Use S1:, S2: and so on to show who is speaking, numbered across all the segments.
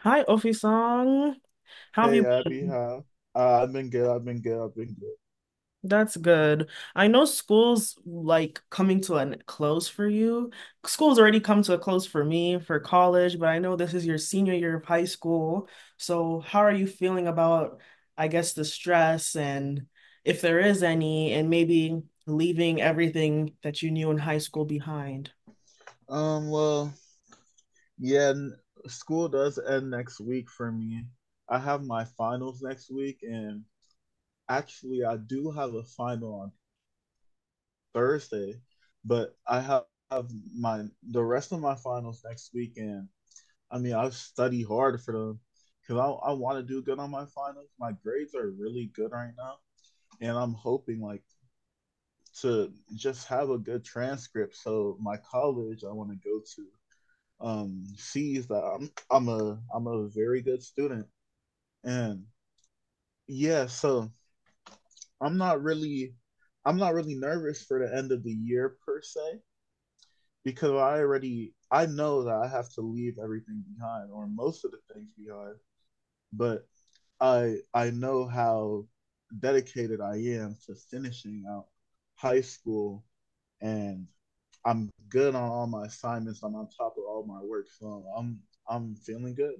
S1: Hi, Ofisang. How have
S2: Hey
S1: you
S2: Abby,
S1: been?
S2: hi. I've been good. I've been good.
S1: That's good. I know school's like coming to a close for you. School's already come to a close for me for college, but I know this is your senior year of high school. So how are you feeling about, I guess, the stress and if there is any, and maybe leaving everything that you knew in high school behind?
S2: Um, well, yeah, n- School does end next week for me. I have my finals next week, and actually, I do have a final on Thursday, but I have my the rest of my finals next week, and I've studied hard for them because I want to do good on my finals. My grades are really good right now, and I'm hoping to just have a good transcript so my college I want to go to sees that I'm a very good student, and yeah. So I'm not really I'm not really nervous for the end of the year per se, because I know that I have to leave everything behind, or most of the things behind, but I know how dedicated I am to finishing out high school, and I'm good on all my assignments. I'm on top of all my work, so I'm feeling good.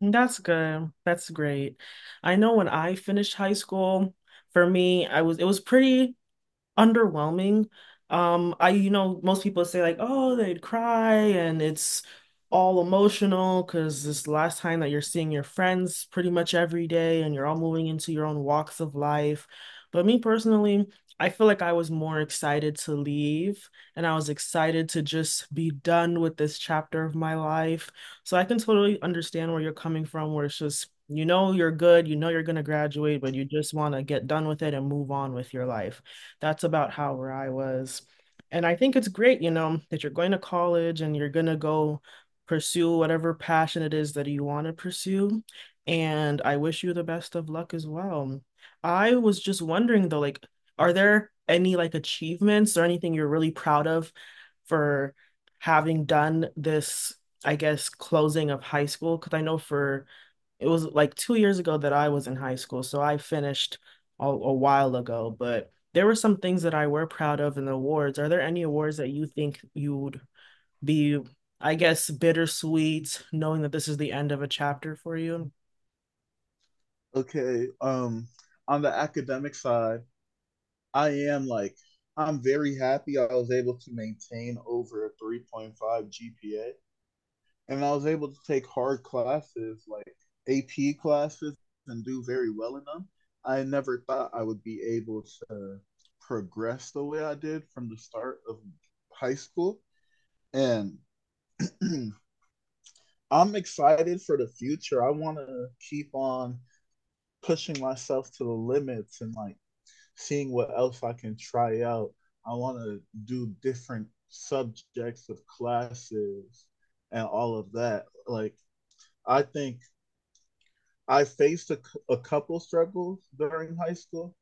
S1: That's good. That's great. I know when I finished high school, for me, I was it was pretty underwhelming. I, most people say like, oh, they'd cry and it's all emotional because this last time that you're seeing your friends pretty much every day and you're all moving into your own walks of life. But me personally, I feel like I was more excited to leave and I was excited to just be done with this chapter of my life. So I can totally understand where you're coming from, where it's just, you're good, you're going to graduate, but you just want to get done with it and move on with your life. That's about how where I was. And I think it's great, that you're going to college and you're going to go pursue whatever passion it is that you want to pursue. And I wish you the best of luck as well. I was just wondering though, like, are there any like achievements or anything you're really proud of for having done this, I guess, closing of high school? Because I know for it was like 2 years ago that I was in high school, so I finished a while ago, but there were some things that I were proud of in the awards. Are there any awards that you think you would be, I guess, bittersweet, knowing that this is the end of a chapter for you?
S2: Okay. On the academic side, I am like I'm very happy. I was able to maintain over a 3.5 GPA, and I was able to take hard classes like AP classes and do very well in them. I never thought I would be able to progress the way I did from the start of high school, and I'm excited for the future. I want to keep on pushing myself to the limits, and seeing what else I can try out. I want to do different subjects of classes and all of that. I think I faced a couple struggles during high school,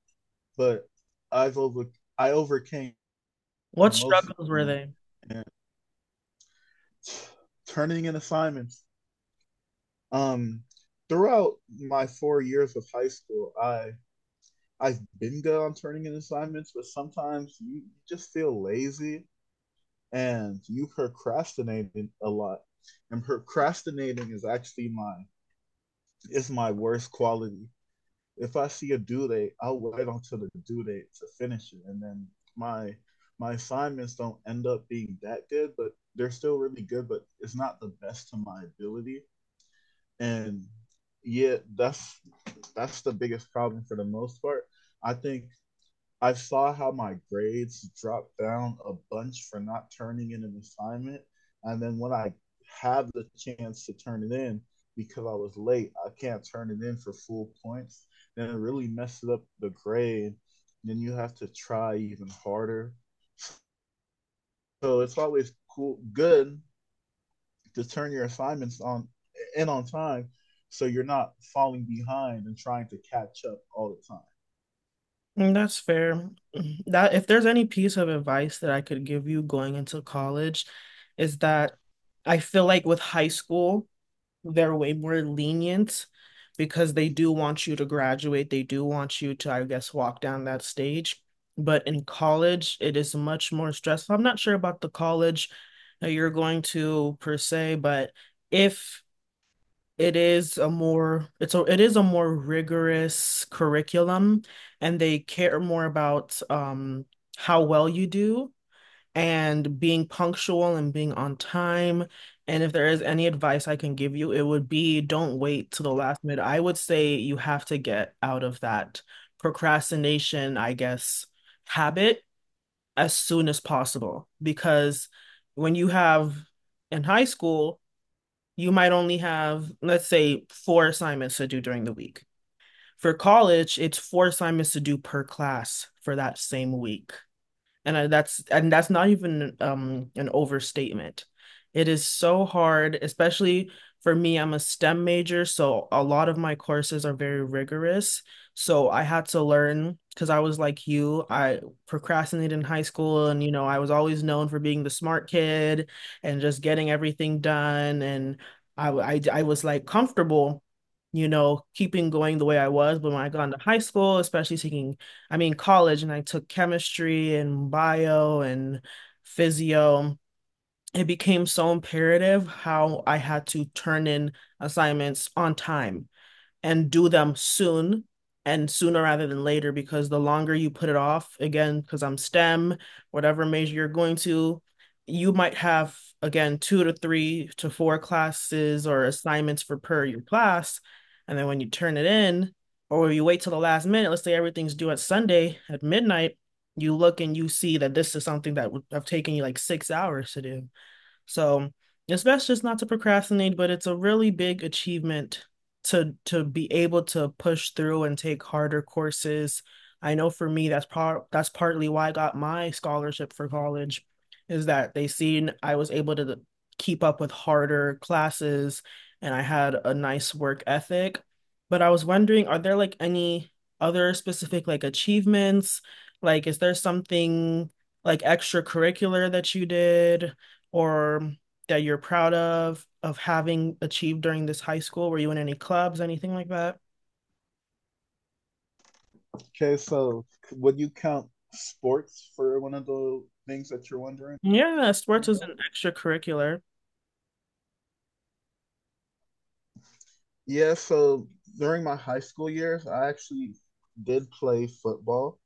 S2: but I've over I overcame
S1: What
S2: most of
S1: struggles were
S2: them.
S1: they?
S2: And turning in assignments. Um, Throughout my 4 years of high school, I've been good on turning in assignments, but sometimes you just feel lazy and you procrastinating a lot. And procrastinating is actually my is my worst quality. If I see a due date, I'll wait until the due date to finish it. And then my my assignments don't end up being that good, but they're still really good, but it's not the best to my ability. And yeah, that's the biggest problem for the most part. I think I saw how my grades dropped down a bunch for not turning in an assignment. And then when I have the chance to turn it in, because I was late, I can't turn it in for full points. Then it really messes up the grade. Then you have to try even harder. So it's always good to turn your assignments on in on time, so you're not falling behind and trying to catch up all the time.
S1: Mm, that's fair. That if there's any piece of advice that I could give you going into college, is that I feel like with high school, they're way more lenient because they do want you to graduate. They do want you to, I guess, walk down that stage. But in college, it is much more stressful. I'm not sure about the college that you're going to per se, but if it is a more it's a it is a more rigorous curriculum and they care more about how well you do and being punctual and being on time. And if there is any advice I can give you, it would be don't wait to the last minute. I would say you have to get out of that procrastination, I guess, habit as soon as possible. Because when you have in high school, you might only have, let's say, four assignments to do during the week. For college, it's four assignments to do per class for that same week and I, that's and that's not even an overstatement. It is so hard, especially for me, I'm a STEM major, so a lot of my courses are very rigorous. So I had to learn, because I was like you, I procrastinated in high school and, you know, I was always known for being the smart kid and just getting everything done. And I was like comfortable, you know, keeping going the way I was. But when I got into high school, especially taking, I mean, college, and I took chemistry and bio and physio, it became so imperative how I had to turn in assignments on time and do them soon and sooner rather than later, because the longer you put it off, again, because I'm STEM, whatever major you're going to, you might have, again, two to three to four classes or assignments for per your class. And then when you turn it in, or you wait till the last minute, let's say everything's due at Sunday at midnight, you look and you see that this is something that would have taken you like 6 hours to do. So it's best just not to procrastinate, but it's a really big achievement to be able to push through and take harder courses. I know for me, that's partly why I got my scholarship for college, is that they seen I was able to keep up with harder classes and I had a nice work ethic. But I was wondering, are there like any other specific like achievements? Like, is there something like extracurricular that you did? Or that you're proud of having achieved during this high school? Were you in any clubs, anything like that?
S2: Okay, so would you count sports for one of the things that you're wondering
S1: Yeah, sports is
S2: about?
S1: an extracurricular.
S2: Yeah, so during my high school years, I actually did play football,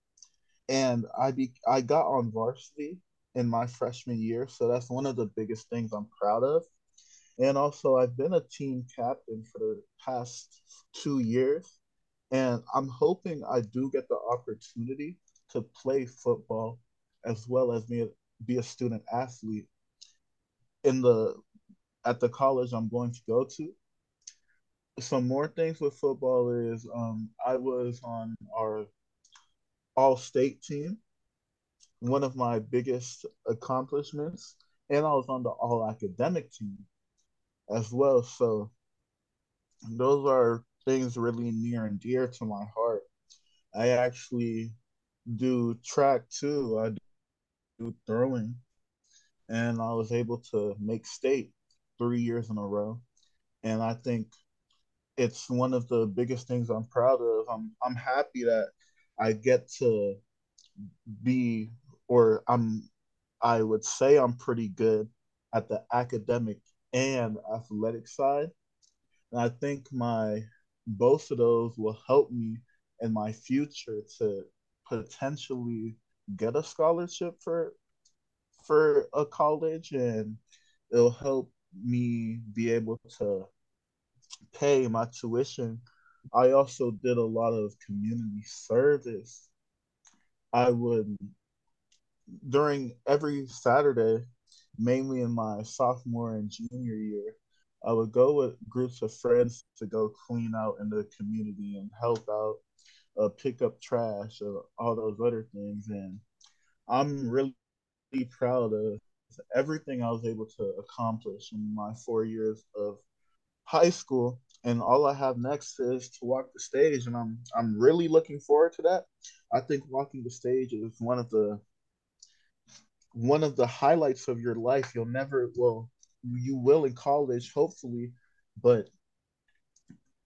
S2: and I got on varsity in my freshman year, so that's one of the biggest things I'm proud of. And also, I've been a team captain for the past 2 years, and I'm hoping I do get the opportunity to play football as well as me be a student athlete in the at the college I'm going to go to. Some more things with football is, I was on our all state team, one of my biggest accomplishments, and I was on the all academic team as well. So those are things really near and dear to my heart. I actually do track too. I do throwing, and I was able to make state 3 years in a row. And I think it's one of the biggest things I'm proud of. I'm happy that I get to be or I'm, I would say, I'm pretty good at the academic and athletic side. And I think my both of those will help me in my future to potentially get a scholarship for a college, and it'll help me be able to pay my tuition. I also did a lot of community service. I would, During every Saturday, mainly in my sophomore and junior year, I would go with groups of friends to go clean out in the community and help out, pick up trash, all those other things. And I'm really proud of everything I was able to accomplish in my 4 years of high school, and all I have next is to walk the stage, and I'm really looking forward to that. I think walking the stage is one of the highlights of your life. You'll never, well, you will in college, hopefully, but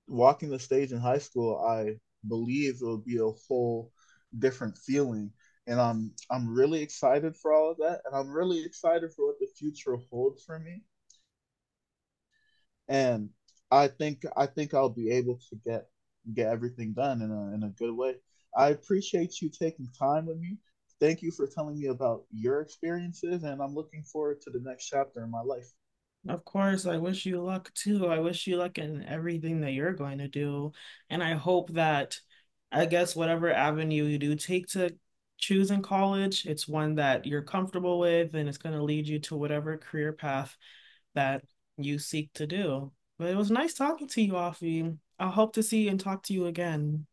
S2: walking the stage in high school, I believe it'll be a whole different feeling. And I'm really excited for all of that, and I'm really excited for what the future holds for me. And I think I'll be able to get everything done in a good way. I appreciate you taking time with me. Thank you for telling me about your experiences, and I'm looking forward to the next chapter in my life.
S1: Of course, I wish you luck too. I wish you luck in everything that you're going to do. And I hope that, I guess, whatever avenue you do take to choose in college, it's one that you're comfortable with and it's going to lead you to whatever career path that you seek to do. But it was nice talking to you, Afi. I hope to see and talk to you again.